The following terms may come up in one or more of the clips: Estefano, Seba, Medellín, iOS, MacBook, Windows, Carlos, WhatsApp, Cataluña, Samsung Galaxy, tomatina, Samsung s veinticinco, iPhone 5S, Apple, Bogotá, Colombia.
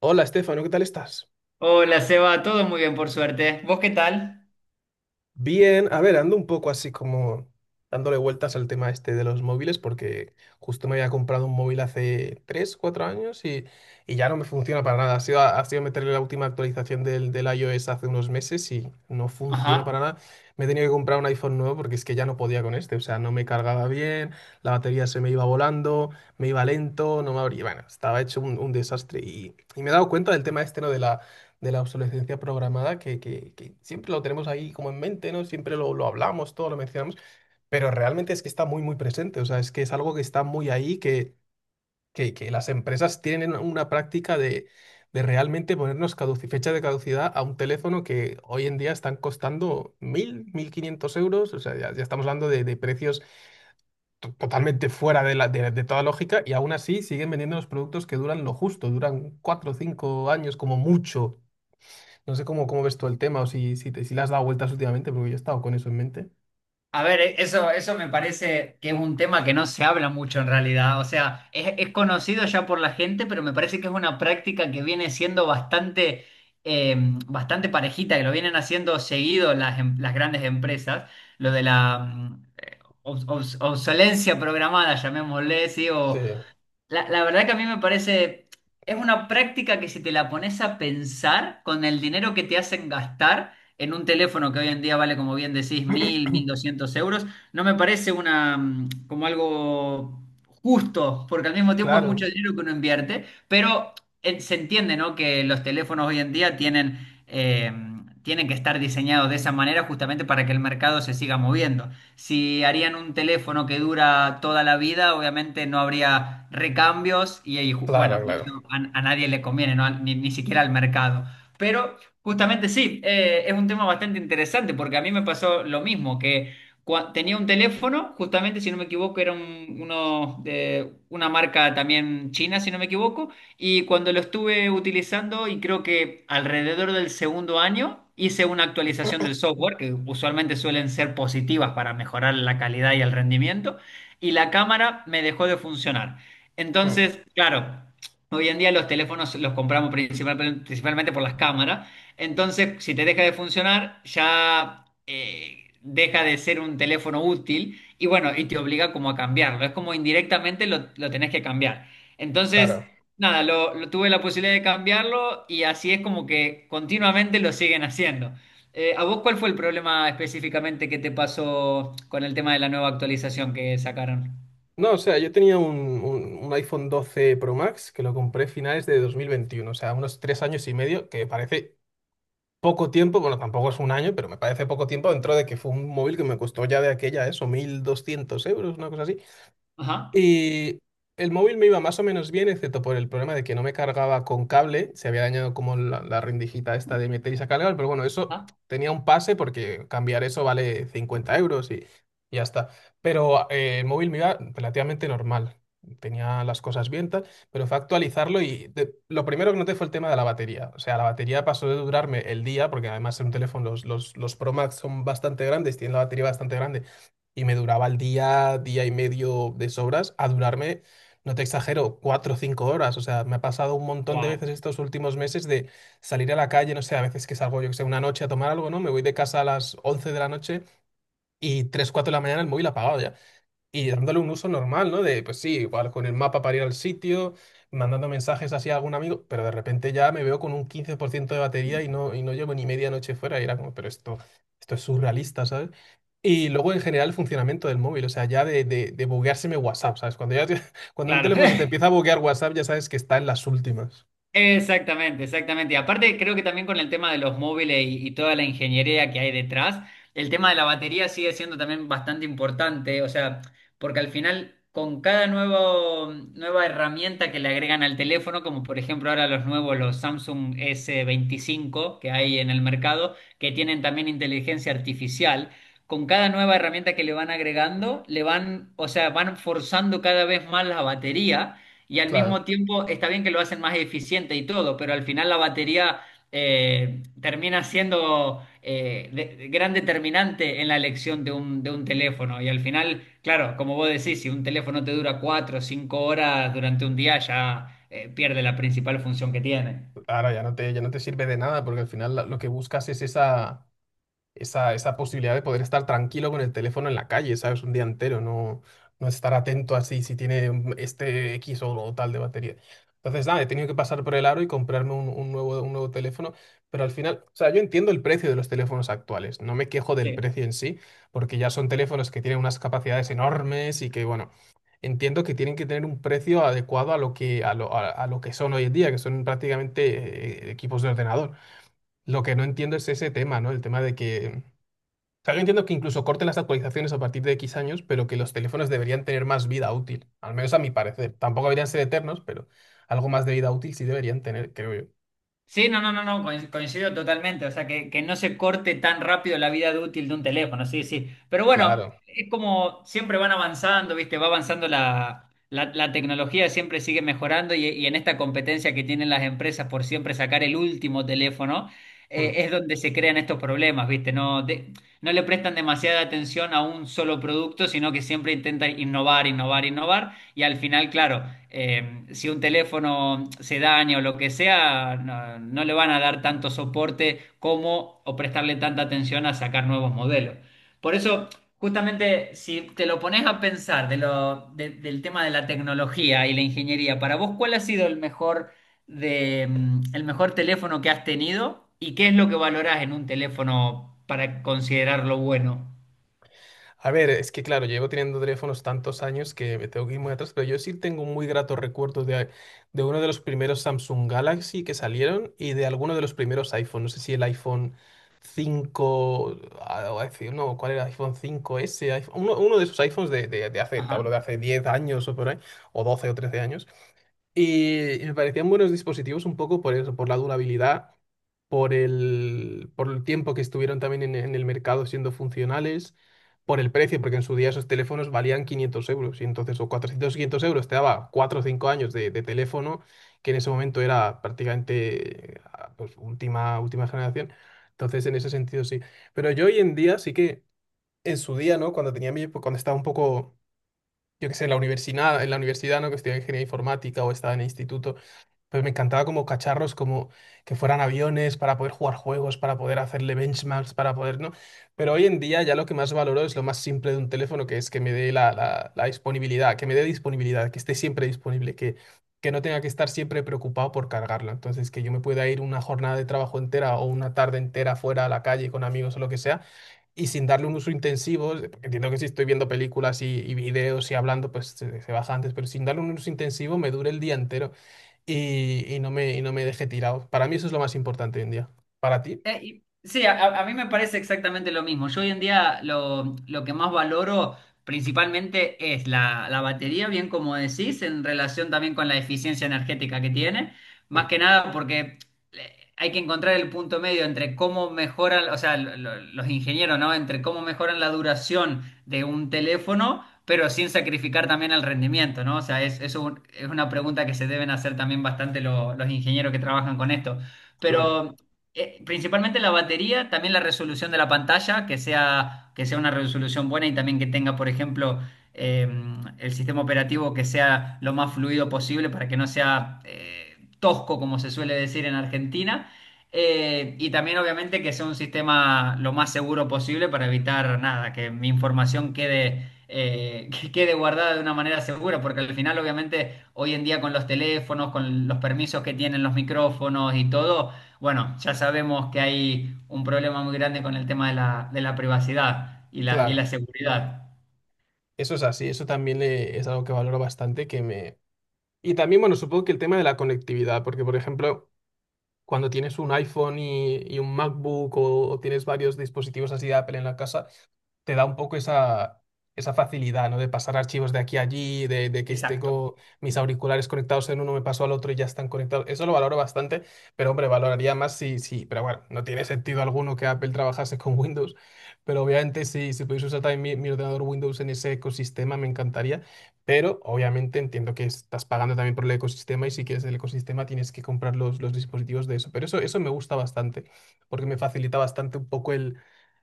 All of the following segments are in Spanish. Hola, Estefano, ¿qué tal estás? Hola, Seba, todo muy bien por suerte. ¿Vos qué tal? Bien, a ver, ando un poco así como dándole vueltas al tema este de los móviles porque justo me había comprado un móvil hace 3, 4 años y ya no me funciona para nada. Ha sido meterle la última actualización del iOS hace unos meses y no funciona para Ajá. nada. Me he tenido que comprar un iPhone nuevo porque es que ya no podía con este, o sea, no me cargaba bien, la batería se me iba volando, me iba lento, no me abría, bueno, estaba hecho un desastre y me he dado cuenta del tema este, ¿no? De la obsolescencia programada, que siempre lo tenemos ahí como en mente, ¿no? Siempre lo hablamos, todo lo mencionamos, pero realmente es que está muy, muy presente, o sea, es que es algo que está muy ahí, que las empresas tienen una práctica de realmente ponernos fecha de caducidad a un teléfono que hoy en día están costando 1.000, 1.500 euros, o sea, ya, ya estamos hablando de precios totalmente fuera de toda lógica y aún así siguen vendiendo los productos que duran lo justo, duran 4 o 5 años como mucho. No sé cómo ves tú el tema o si le has dado vueltas últimamente, porque yo he estado con eso en mente. A ver, eso me parece que es un tema que no se habla mucho en realidad. O sea, es conocido ya por la gente, pero me parece que es una práctica que viene siendo bastante, eh, bastante parejita, que lo vienen haciendo seguido las grandes empresas. Lo de la obsolencia programada, llamémosle, ¿sí? Sí. La verdad que a mí me parece, es una práctica que si te la pones a pensar con el dinero que te hacen gastar en un teléfono que hoy en día vale, como bien decís, mil, 1.200 euros, no me parece una, como algo justo, porque al mismo tiempo es mucho Claro, dinero que uno invierte, pero se entiende, ¿no? Que los teléfonos hoy en día eh, tienen que estar diseñados de esa manera justamente para que el mercado se siga moviendo. Si harían un teléfono que dura toda la vida, obviamente no habría recambios y bueno, claro, y claro. eso a nadie le conviene, ¿no? Ni siquiera al mercado. Pero justamente sí, es un tema bastante interesante porque a mí me pasó lo mismo, que tenía un teléfono, justamente si no me equivoco, era una marca también china, si no me equivoco, y cuando lo estuve utilizando y creo que alrededor del segundo año hice una actualización del software, que usualmente suelen ser positivas para mejorar la calidad y el rendimiento, y la cámara me dejó de funcionar. Mm, Entonces, claro, hoy en día los teléfonos los compramos principalmente por las cámaras, entonces si te deja de funcionar ya, deja de ser un teléfono útil y bueno, y te obliga como a cambiarlo, es como indirectamente lo tenés que cambiar. Entonces, claro. nada, tuve la posibilidad de cambiarlo y así es como que continuamente lo siguen haciendo. ¿A vos cuál fue el problema específicamente que te pasó con el tema de la nueva actualización que sacaron? No, o sea, yo tenía un iPhone 12 Pro Max que lo compré finales de 2021, o sea, unos 3 años y medio, que parece poco tiempo, bueno, tampoco es un año, pero me parece poco tiempo dentro de que fue un móvil que me costó ya de aquella eso, 1.200 euros, una cosa así. Ajá, Y el móvil me iba más o menos bien, excepto por el problema de que no me cargaba con cable. Se había dañado como la rendijita esta de meter y sacar cable, pero bueno, eso ajá. tenía un pase porque cambiar eso vale 50 euros y ya está. Pero el móvil me iba relativamente normal. Tenía las cosas bien, tal, pero fue actualizarlo y lo primero que noté fue el tema de la batería. O sea, la batería pasó de durarme el día, porque además en un teléfono los Pro Max son bastante grandes, tienen la batería bastante grande y me duraba el día, día y medio de sobras, a durarme, no te exagero, 4 o 5 horas. O sea, me ha pasado un montón de Wow, veces estos últimos meses de salir a la calle, no sé, a veces que salgo, yo que sé, una noche a tomar algo, ¿no? Me voy de casa a las 11 de la noche y 3, 4 de la mañana el móvil apagado ya. Y dándole un uso normal, ¿no? De, pues sí, igual con el mapa para ir al sitio, mandando mensajes así a algún amigo, pero de repente ya me veo con un 15% de batería y no llevo ni media noche fuera. Y era como, pero esto es surrealista, ¿sabes? Y luego en general el funcionamiento del móvil, o sea, ya de bugueárseme WhatsApp, ¿sabes? Cuando un claro. teléfono se te empieza a buguear WhatsApp, ya sabes que está en las últimas. Exactamente, exactamente. Y aparte, creo que también con el tema de los móviles y toda la ingeniería que hay detrás, el tema de la batería sigue siendo también bastante importante, o sea, porque al final, con cada nuevo, nueva herramienta que le agregan al teléfono, como por ejemplo ahora los nuevos, los Samsung S25 que hay en el mercado, que tienen también inteligencia artificial, con cada nueva herramienta que le van agregando, le van, o sea, van forzando cada vez más la batería. Y al Claro, mismo tiempo está bien que lo hacen más eficiente y todo, pero al final la batería termina siendo gran determinante en la elección de un teléfono. Y al final, claro, como vos decís, si un teléfono te dura 4 o 5 horas durante un día, ya pierde la principal función que tiene. ahora ya no te, sirve de nada porque al final lo que buscas es esa posibilidad de poder estar tranquilo con el teléfono en la calle, ¿sabes? Un día entero, no, no estar atento así si tiene este X o tal de batería. Entonces, nada, he tenido que pasar por el aro y comprarme un nuevo teléfono, pero al final, o sea, yo entiendo el precio de los teléfonos actuales, no me quejo del Sí. precio en sí, porque ya son teléfonos que tienen unas capacidades enormes y que, bueno, entiendo que tienen que tener un precio adecuado a lo que, a lo que son hoy en día, que son prácticamente equipos de ordenador. Lo que no entiendo es ese tema, ¿no? El tema de que, o sea, yo entiendo que incluso corten las actualizaciones a partir de X años, pero que los teléfonos deberían tener más vida útil, al menos a mi parecer. Tampoco deberían ser eternos, pero algo más de vida útil sí deberían tener, creo yo. Sí, no, no, no, no, coincido totalmente. O sea, que no se corte tan rápido la vida de útil de un teléfono, sí, sí. Pero bueno, Claro. es como siempre van avanzando, ¿viste? Va avanzando la tecnología, siempre sigue mejorando y en esta competencia que tienen las empresas por siempre sacar el último teléfono, Hmm. Es donde se crean estos problemas, ¿viste? No, no le prestan demasiada atención a un solo producto, sino que siempre intentan innovar, innovar, innovar. Y al final, claro, si un teléfono se daña o lo que sea, no, no le van a dar tanto soporte como o prestarle tanta atención a sacar nuevos modelos. Por eso, justamente, si te lo pones a pensar del tema de la tecnología y la ingeniería, para vos, ¿cuál ha sido el mejor el mejor teléfono que has tenido? ¿Y qué es lo que valorás en un teléfono para considerarlo bueno? A ver, es que claro, llevo teniendo teléfonos tantos años que me tengo que ir muy atrás, pero yo sí tengo muy gratos recuerdos de uno de los primeros Samsung Galaxy que salieron y de alguno de los primeros iPhone. No sé si el iPhone 5, ah, o no, ¿cuál era? iPhone 5S, uno de esos iPhones de hace, te hablo de Ajá. hace 10 años o por ahí, o 12 o 13 años. Y me parecían buenos dispositivos un poco por eso, por la durabilidad, por el tiempo que estuvieron también en el mercado siendo funcionales, por el precio, porque en su día esos teléfonos valían 500 euros y entonces o 400, 500 euros te daba 4 o 5 años de teléfono, que en ese momento era prácticamente pues, última, última generación. Entonces en ese sentido sí. Pero yo hoy en día sí que en su día, ¿no? Cuando estaba un poco yo qué sé, en la universidad, ¿no? Que estudiaba ingeniería informática o estaba en el instituto, pues me encantaba como cacharros, como que fueran aviones para poder jugar juegos, para poder hacerle benchmarks, para poder, ¿no? Pero hoy en día ya lo que más valoro es lo más simple de un teléfono, que es que me dé la, la disponibilidad, que me dé disponibilidad, que, esté siempre disponible, que no tenga que estar siempre preocupado por cargarla. Entonces, que yo me pueda ir una jornada de trabajo entera o una tarde entera fuera a la calle con amigos o lo que sea y sin darle un uso intensivo, porque entiendo que si estoy viendo películas y videos y hablando, pues se baja antes, pero sin darle un uso intensivo me dure el día entero y no me deje tirado. Para mí eso es lo más importante hoy en día. ¿Para ti? Sí, mí me parece exactamente lo mismo. Yo hoy en día lo que más valoro principalmente es la batería, bien como decís, en relación también con la eficiencia energética que tiene. Más Mm, que nada porque hay que encontrar el punto medio entre cómo mejoran, o sea, los ingenieros, ¿no? Entre cómo mejoran la duración de un teléfono, pero sin sacrificar también el rendimiento, ¿no? O sea, es una pregunta que se deben hacer también bastante los ingenieros que trabajan con esto. claro, Pero principalmente la batería, también la resolución de la pantalla, que sea una resolución buena y también que tenga, por ejemplo, eh, el sistema operativo que sea lo más fluido posible para que no sea tosco, como se suele decir en Argentina. Y también, obviamente, que sea un sistema lo más seguro posible para evitar nada, que mi información quede, que quede guardada de una manera segura, porque al final, obviamente, hoy en día con los teléfonos, con los permisos que tienen los micrófonos y todo, bueno, ya sabemos que hay un problema muy grande con el tema de la privacidad y la, y claro. la seguridad. Eso es así, eso también es algo que valoro bastante, que me... Y también, bueno, supongo que el tema de la conectividad, porque, por ejemplo, cuando tienes un iPhone y un MacBook o tienes varios dispositivos así de Apple en la casa, te da un poco esa, facilidad, ¿no? De pasar archivos de aquí a allí, de que Exacto. tengo mis auriculares conectados en uno, me paso al otro y ya están conectados. Eso lo valoro bastante, pero hombre, valoraría más pero bueno, no tiene sentido alguno que Apple trabajase con Windows, pero obviamente si pudiese usar también mi ordenador Windows en ese ecosistema, me encantaría, pero obviamente entiendo que estás pagando también por el ecosistema y si quieres el ecosistema tienes que comprar los dispositivos de eso, pero eso me gusta bastante, porque me facilita bastante un poco el,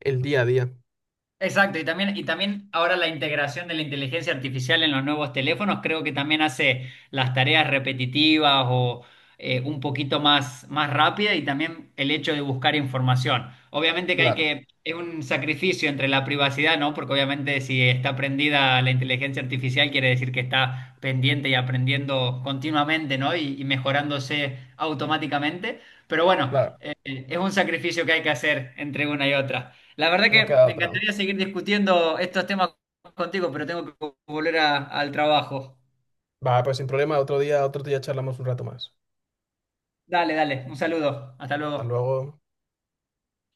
el día a día. Exacto, y también ahora la integración de la inteligencia artificial en los nuevos teléfonos creo que también hace las tareas repetitivas o un poquito más rápida y también el hecho de buscar información. Obviamente que hay Claro. que, es un sacrificio entre la privacidad, ¿no? Porque obviamente si está prendida la inteligencia artificial quiere decir que está pendiente y aprendiendo continuamente, ¿no? Y mejorándose automáticamente. Pero bueno, Claro, es un sacrificio que hay que hacer entre una y otra. La verdad no que queda me otra. encantaría seguir discutiendo estos temas contigo, pero tengo que volver al trabajo. Va, pues sin problema, otro día charlamos un rato más. Dale, dale, un saludo. Hasta Hasta luego. luego.